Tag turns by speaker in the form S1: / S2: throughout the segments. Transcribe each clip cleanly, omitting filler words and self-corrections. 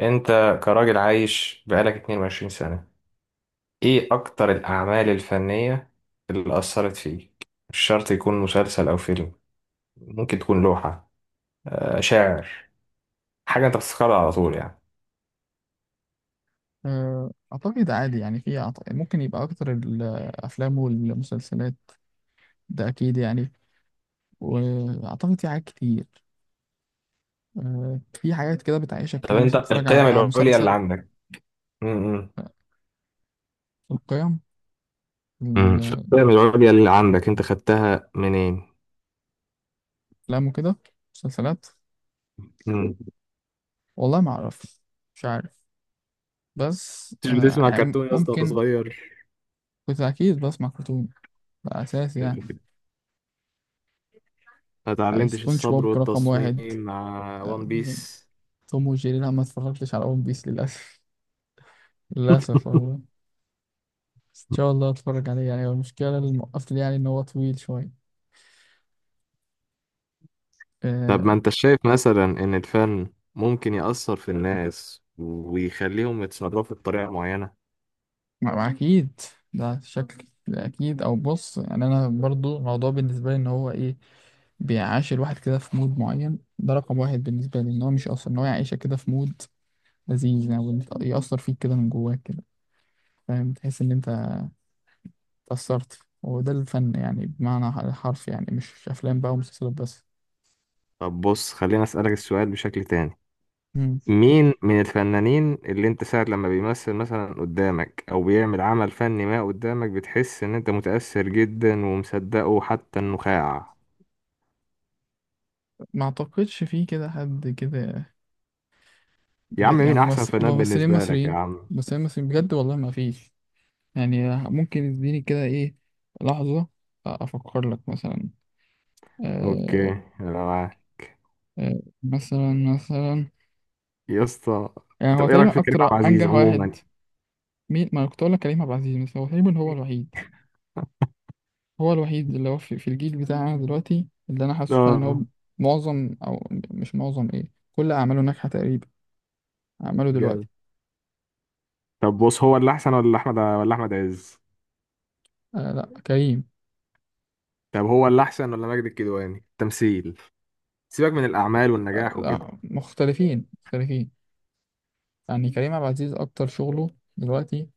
S1: انت، كراجل عايش بقالك 22 سنة، ايه اكتر الاعمال الفنية اللي اثرت فيك؟ مش شرط يكون مسلسل او فيلم، ممكن تكون لوحة، شاعر، حاجة انت بتفتكرها على طول يعني.
S2: أعتقد عادي يعني في ممكن يبقى أكتر الأفلام والمسلسلات. ده أكيد يعني. وأعتقد في حاجات كتير. في حاجات كده بتعيشك
S1: طب
S2: كده،
S1: انت
S2: مثلا تتفرج
S1: القيم
S2: على
S1: العليا اللي
S2: مسلسل.
S1: عندك، امم
S2: القيم.
S1: القيم العليا اللي عندك انت خدتها منين؟
S2: الأفلام وكده. مسلسلات.
S1: مم.
S2: والله ما أعرف. مش عارف. بس
S1: كنتش بتسمع
S2: يعني
S1: كرتون يا اسطى وانت
S2: ممكن.
S1: صغير؟
S2: كنت أكيد بسمع كرتون. ده أساسي يعني.
S1: ما اتعلمتش
S2: سبونج
S1: الصبر
S2: بوب رقم
S1: والتصميم
S2: واحد.
S1: مع
S2: أه،
S1: وان بيس؟
S2: توم وجيري، لا، ما اتفرجتش على ون بيس للأسف. للأسف والله. شاء الله اتفرج عليه. يعني هو المشكله اللي موقفني يعني ان هو طويل شويه.
S1: طب ما
S2: آه
S1: انت شايف مثلا ان الفن ممكن يأثر في الناس ويخليهم يتصرفوا بطريقة معينة؟
S2: ما اكيد. ده شكل، ده اكيد، او بص. يعني انا برضو الموضوع بالنسبه لي ان هو ايه، بيعاش الواحد كده في مود معين. ده رقم واحد بالنسبه لي، ان هو مش اصلا ان هو يعيشك كده في مود لذيذ يعني، يأثر فيك كده من جواك كده، فاهم؟ تحس ان انت اتأثرت، وده الفن يعني بمعنى الحرف، يعني مش افلام بقى ومسلسلات بس.
S1: طب بص، خلينا أسألك السؤال بشكل تاني.
S2: مم.
S1: مين من الفنانين اللي انت ساعة لما بيمثل مثلا قدامك او بيعمل عمل فني ما قدامك بتحس ان انت متأثر جدا ومصدقه حتى النخاع؟
S2: ما اعتقدش في كده حد كده
S1: يا عم
S2: بجد يعني.
S1: مين احسن فنان
S2: ممثلين
S1: بالنسبة لك يا
S2: مصريين.
S1: عم؟
S2: ممثلين مصريين بجد، والله ما فيش. يعني ممكن اديني كده ايه، لحظة، افكر لك مثلا.
S1: اوكي،
S2: آه
S1: انا معاك
S2: مثلا
S1: يا اسطى.
S2: يعني
S1: طب
S2: هو
S1: ايه
S2: تقريبا
S1: رأيك في كريم
S2: اكتر
S1: عبد العزيز
S2: انجح واحد.
S1: عموما؟
S2: مين؟ ما أنا كنت اقول لك كريم عبد العزيز. بس هو تقريبا هو الوحيد اللي هو في الجيل بتاعنا دلوقتي، اللي انا حاسه فعلا ان هو
S1: اه،
S2: معظم، او مش معظم، ايه، كل اعماله ناجحة تقريبا، اعماله دلوقتي.
S1: جامد. طب بص، هو اللي احسن ولا احمد، ولا احمد عز؟
S2: لا، كريم.
S1: طب هو اللي احسن ولا ماجد الكدواني تمثيل؟ سيبك من الاعمال والنجاح وكده.
S2: لا، مختلفين مختلفين. يعني كريم عبد العزيز أكتر شغله دلوقتي،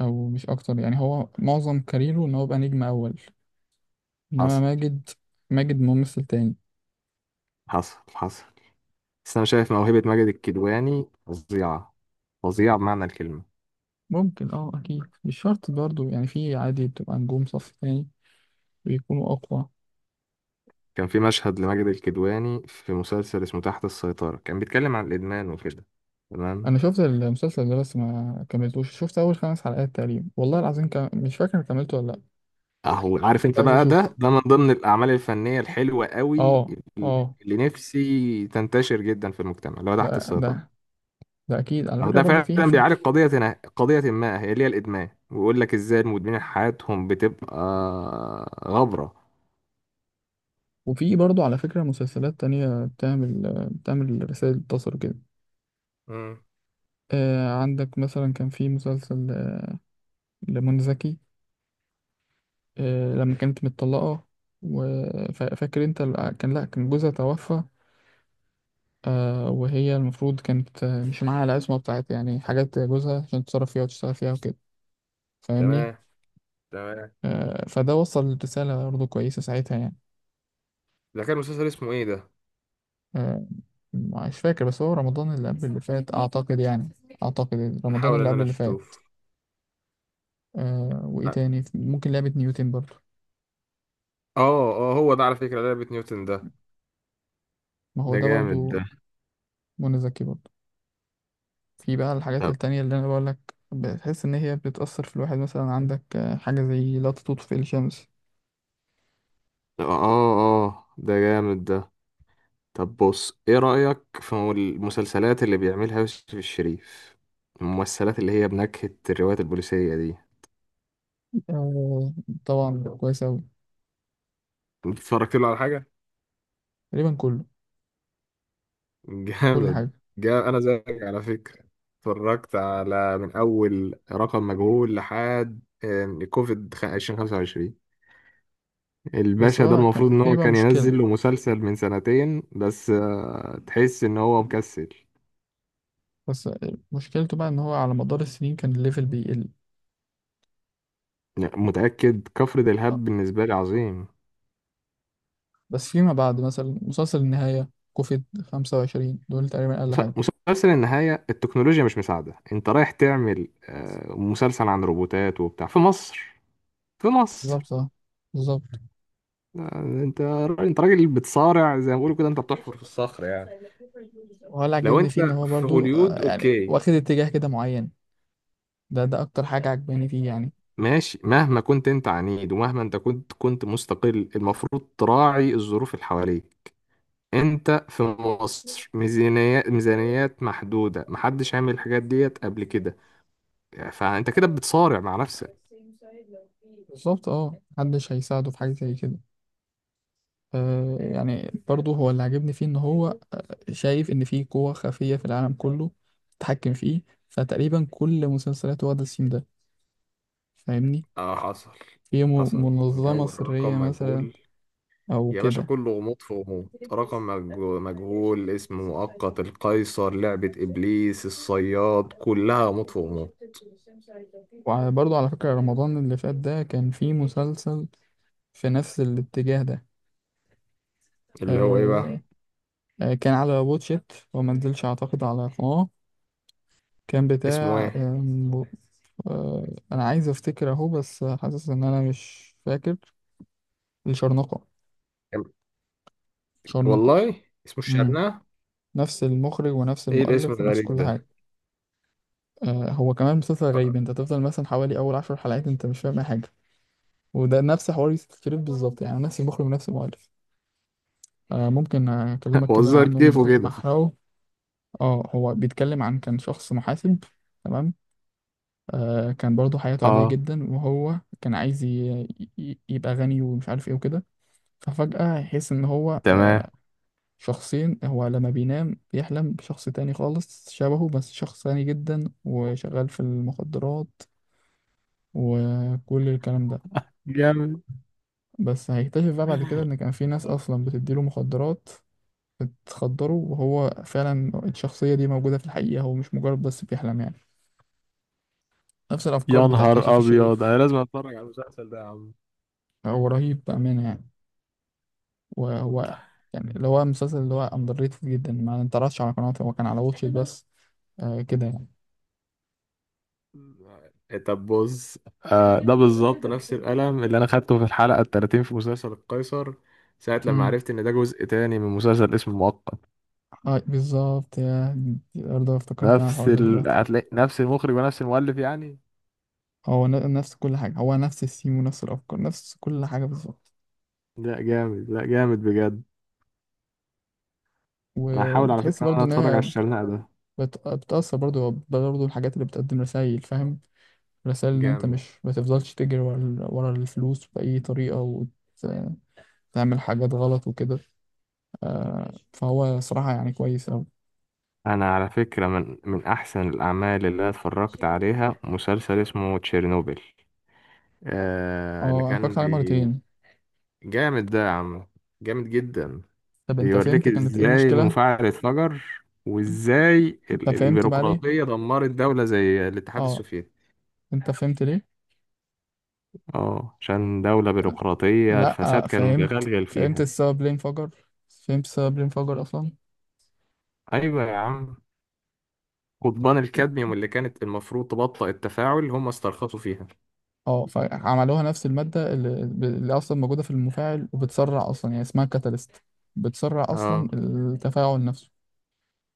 S2: أو مش أكتر يعني، هو معظم كاريره إن هو يبقى نجم أول. إنما
S1: حصل،
S2: ماجد ممثل تاني.
S1: حصل، حصل. بس انا شايف موهبة ماجد الكدواني فظيعة، فظيعة بمعنى الكلمة.
S2: ممكن، أكيد مش شرط برضه. يعني في عادي بتبقى نجوم صف تاني بيكونوا أقوى.
S1: كان في مشهد لماجد الكدواني في مسلسل اسمه تحت السيطرة، كان بيتكلم عن الادمان وكده. تمام.
S2: أنا شفت المسلسل ده بس ما كملتوش، شفت أول 5 حلقات تقريبا، والله العظيم مش فاكر كملته ولا لأ.
S1: اهو عارف
S2: بس
S1: انت
S2: عايز
S1: بقى،
S2: أشوف.
S1: ده من ضمن الاعمال الفنية الحلوة قوي
S2: أه أه
S1: اللي نفسي تنتشر جدا في المجتمع، اللي هو تحت
S2: ده
S1: السيطرة.
S2: ده ده أكيد على
S1: أو
S2: فكرة
S1: ده
S2: برضه،
S1: فعلا
S2: فيه.
S1: بيعالج قضية قضية ما هي اللي هي الإدمان، ويقول لك إزاي المدمنين حياتهم بتبقى غبرة.
S2: وفي برضه على فكرة مسلسلات تانية بتعمل رسائل تصل كده.
S1: امم،
S2: عندك مثلا كان في مسلسل لمنى زكي. لما كانت متطلقة، وفاكر انت كان، لا، كان جوزها توفى. وهي المفروض كانت مش معاها العصمة بتاعت، يعني حاجات جوزها عشان تتصرف فيها وتشتغل فيها وكده، فاهمني؟
S1: تمام، تمام.
S2: فده وصل رسالة برضه كويسة ساعتها يعني.
S1: ده كان مسلسل اسمه ايه ده؟
S2: آه مش فاكر، بس هو رمضان اللي قبل اللي فات أعتقد يعني، أعتقد رمضان
S1: نحاول
S2: اللي
S1: ان
S2: قبل
S1: انا
S2: اللي فات.
S1: اشوف.
S2: وإيه
S1: اه،
S2: تاني؟ ممكن لعبة نيوتن برضه.
S1: اه هو ده على فكرة لعبة نيوتن ده،
S2: ما هو
S1: ده
S2: ده برضه،
S1: جامد ده.
S2: منى زكي برضه. في بقى الحاجات
S1: طب
S2: التانية اللي أنا بقولك بتحس إن هي بتأثر في الواحد. مثلا عندك حاجة زي لا تطفئ الشمس.
S1: آه، آه، آه، ده جامد ده. طب بص، إيه رأيك في المسلسلات اللي بيعملها يوسف الشريف، الممثلات اللي هي بنكهة الروايات البوليسية دي؟
S2: آه، طبعا كويس أوي.
S1: اتفرجت له على حاجة؟
S2: تقريبا كله. كل
S1: جامد.
S2: حاجة.
S1: جا انا زيك على فكره، اتفرجت على من اول رقم مجهول لحد كوفيد 2025.
S2: بس
S1: الباشا ده
S2: هو كان
S1: المفروض ان
S2: في
S1: هو
S2: بقى
S1: كان
S2: مشكلة،
S1: ينزل له مسلسل من سنتين، بس تحس ان هو مكسل.
S2: بس مشكلته بقى إن هو على مدار السنين كان الليفل بيقل.
S1: لا، متاكد كفر
S2: آه،
S1: دلهاب بالنسبه لي عظيم.
S2: بس فيما بعد، مثلا مسلسل النهاية كوفيد 25، دول تقريبا أقل حاجة.
S1: مس- مسلسل النهايه، التكنولوجيا مش مساعده، انت رايح تعمل مسلسل عن روبوتات وبتاع في مصر، في مصر؟
S2: بالظبط. بالظبط.
S1: آه، انت انت راجل بتصارع زي ما بيقولوا كده، انت بتحفر في الصخر يعني.
S2: وهو اللي
S1: لو
S2: عجبني
S1: انت
S2: فيه إن هو
S1: في
S2: برضو،
S1: هوليود
S2: يعني
S1: اوكي،
S2: واخد اتجاه كده معين. ده أكتر حاجة عجباني فيه يعني.
S1: ماشي، مهما كنت انت عنيد ومهما انت كنت مستقل المفروض تراعي الظروف اللي حواليك. انت في مصر، ميزانيات، ميزانيات محدودة، محدش عامل الحاجات ديت قبل كده، فانت كده بتصارع مع نفسك.
S2: بالظبط، اه، محدش هيساعده في حاجة زي كده. يعني برضه هو اللي عجبني فيه ان هو شايف ان في قوة خفية في العالم كله تتحكم فيه. فتقريبا كل مسلسلاته واخدة السيم ده، فاهمني؟
S1: اه، حصل،
S2: في
S1: حصل من
S2: منظمة
S1: اول
S2: سرية
S1: رقم
S2: مثلا،
S1: مجهول
S2: او
S1: يا باشا،
S2: كده.
S1: كله غموض في غموض. رقم مجهول، اسم مؤقت، القيصر، لعبة ابليس، الصياد، كلها غموض في غموض.
S2: وبرضه على فكرة رمضان اللي فات، ده كان فيه مسلسل في نفس الاتجاه ده.
S1: اللي هو ايه بقى؟
S2: آه كان على واتشيت وما نزلش اعتقد على قناة. كان
S1: اسمه
S2: بتاع
S1: ايه؟
S2: آه، انا عايز افتكر اهو، بس حاسس ان انا مش فاكر. الشرنقة. شرنقة.
S1: والله اسمه
S2: امم
S1: الشرنقة.
S2: نفس المخرج ونفس
S1: ايه الاسم
S2: المؤلف ونفس
S1: الغريب
S2: كل حاجة.
S1: ده؟
S2: هو كمان مسلسل غريب، انت تفضل مثلا حوالي اول 10 حلقات انت مش فاهم أي حاجة. وده نفس حوار يوسف شريف بالظبط، يعني نفس المخرج ونفس المؤلف. ممكن اكلمك كده
S1: وزر
S2: عنه من
S1: كتفه
S2: غير ما
S1: كده.
S2: احرقه. اه هو بيتكلم عن، كان شخص محاسب، تمام. كان برضه حياته عادية
S1: اه،
S2: جدا، وهو كان عايز يبقى غني ومش عارف ايه وكده. ففجأة يحس إن هو
S1: تمام.
S2: شخصين. هو لما بينام بيحلم بشخص تاني خالص شبهه، بس شخص غني جدا وشغال في المخدرات وكل الكلام ده.
S1: جامد.
S2: بس هيكتشف بقى بعد كده إن كان في ناس أصلا بتديله مخدرات، بتخدره. وهو فعلا الشخصية دي موجودة في الحقيقة، هو مش مجرد بس بيحلم يعني. نفس الأفكار
S1: يا
S2: بتاعت
S1: نهار
S2: يوسف
S1: ابيض انا
S2: الشريف.
S1: لازم اتفرج على المسلسل ده يا عم.
S2: هو رهيب بأمانة يعني. وهو يعني اللي هو المسلسل اللي هو أندر ريتد جدا، ما انتعرضش على قناته، هو كان على واتشت بس. كده
S1: طب بص، آه ده بالظبط نفس القلم اللي انا خدته في الحلقه ال 30 في مسلسل القيصر، ساعه لما
S2: يعني.
S1: عرفت ان ده جزء تاني من مسلسل اسمه المؤقت.
S2: اه بالظبط، يا دي برضه افتكرت انا
S1: نفس
S2: الحوار ده دلوقتي.
S1: هتلاقي نفس المخرج ونفس المؤلف يعني.
S2: هو نفس كل حاجة، هو نفس الثيم ونفس الأفكار، نفس كل حاجة بالظبط.
S1: لا جامد، لا جامد بجد. انا هحاول على
S2: وبتحس
S1: فكره ان انا
S2: برضه
S1: اتفرج على
S2: إنها
S1: الشرنقه ده.
S2: بتأثر. برضه الحاجات اللي بتقدم رسائل، فاهم؟ رسائل إن أنت
S1: جامد.
S2: مش، ما تفضلش تجري ورا الفلوس بأي طريقة وتعمل حاجات غلط وكده. فهو صراحة يعني كويس أوي.
S1: انا على فكرة من احسن الاعمال اللي انا اتفرجت عليها مسلسل اسمه تشيرنوبل، آه اللي
S2: اه أنا
S1: كان
S2: اتفرجت عليه مرتين.
S1: جامد ده يا عم، جامد جدا.
S2: طب أنت
S1: بيوريك
S2: فهمت كانت إيه
S1: ازاي
S2: المشكلة؟
S1: المفاعل اتفجر، وازاي
S2: أنت فهمت بقى ليه؟
S1: البيروقراطية دمرت دولة زي الاتحاد
S2: اه،
S1: السوفيتي.
S2: أنت فهمت ليه؟
S1: اه، عشان دولة بيروقراطية الفساد
S2: لا،
S1: كان
S2: فهمت
S1: متغلغل
S2: فهمت
S1: فيها.
S2: السبب ليه انفجر. فهمت السبب ليه انفجر اصلا.
S1: ايوه يا عم، قضبان الكادميوم اللي كانت المفروض تبطئ التفاعل هم استرخصوا فيها.
S2: اه فعملوها نفس المادة اللي اصلا موجودة في المفاعل وبتسرع اصلا، يعني اسمها كاتاليست، بتسرع اصلا
S1: اه،
S2: التفاعل نفسه.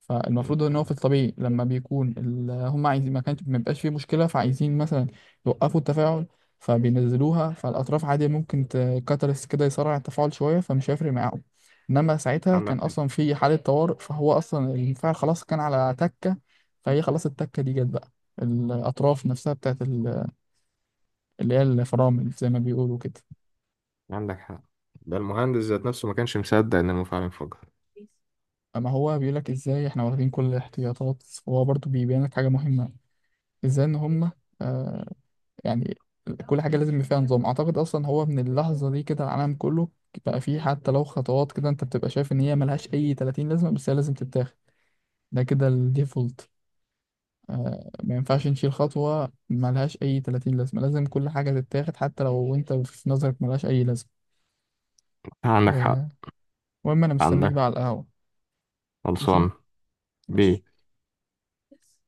S2: فالمفروض ان هو في الطبيعي، لما بيكون هم عايزين، ما كانش، ما بيبقاش فيه مشكله، فعايزين مثلا يوقفوا التفاعل، فبينزلوها فالاطراف عادي. ممكن كاتاليست كده يسرع التفاعل شويه، فمش هيفرق معاهم. انما ساعتها كان
S1: عندك
S2: اصلا في حاله طوارئ، فهو اصلا المفاعل خلاص كان على تكه، فهي خلاص التكه دي جت بقى. الاطراف نفسها بتاعت اللي هي الفرامل زي ما بيقولوا كده.
S1: عندك حق. ده المهندس ذات نفسه ما كانش مصدق ان المفاعل انفجر.
S2: اما هو بيقول لك ازاي احنا واخدين كل الاحتياطات، وهو برضو بيبين لك حاجه مهمه، ازاي ان هم، آه، يعني كل حاجة لازم يبقى فيها نظام. أعتقد أصلا هو من اللحظة دي كده العالم كله بقى فيه، حتى لو خطوات كده أنت بتبقى شايف إن هي ملهاش أي 30 لازمة، بس هي لازم تتاخد. ده كده الديفولت. ما ينفعش نشيل خطوة ملهاش أي 30 لازمة. لازم كل حاجة تتاخد، حتى لو أنت في نظرك ملهاش أي لازمة.
S1: عندك حق.
S2: آه المهم، أنا مستنيك
S1: عندك،
S2: بقى على القهوة. ماشي؟
S1: خلصان بيه.
S2: ماشي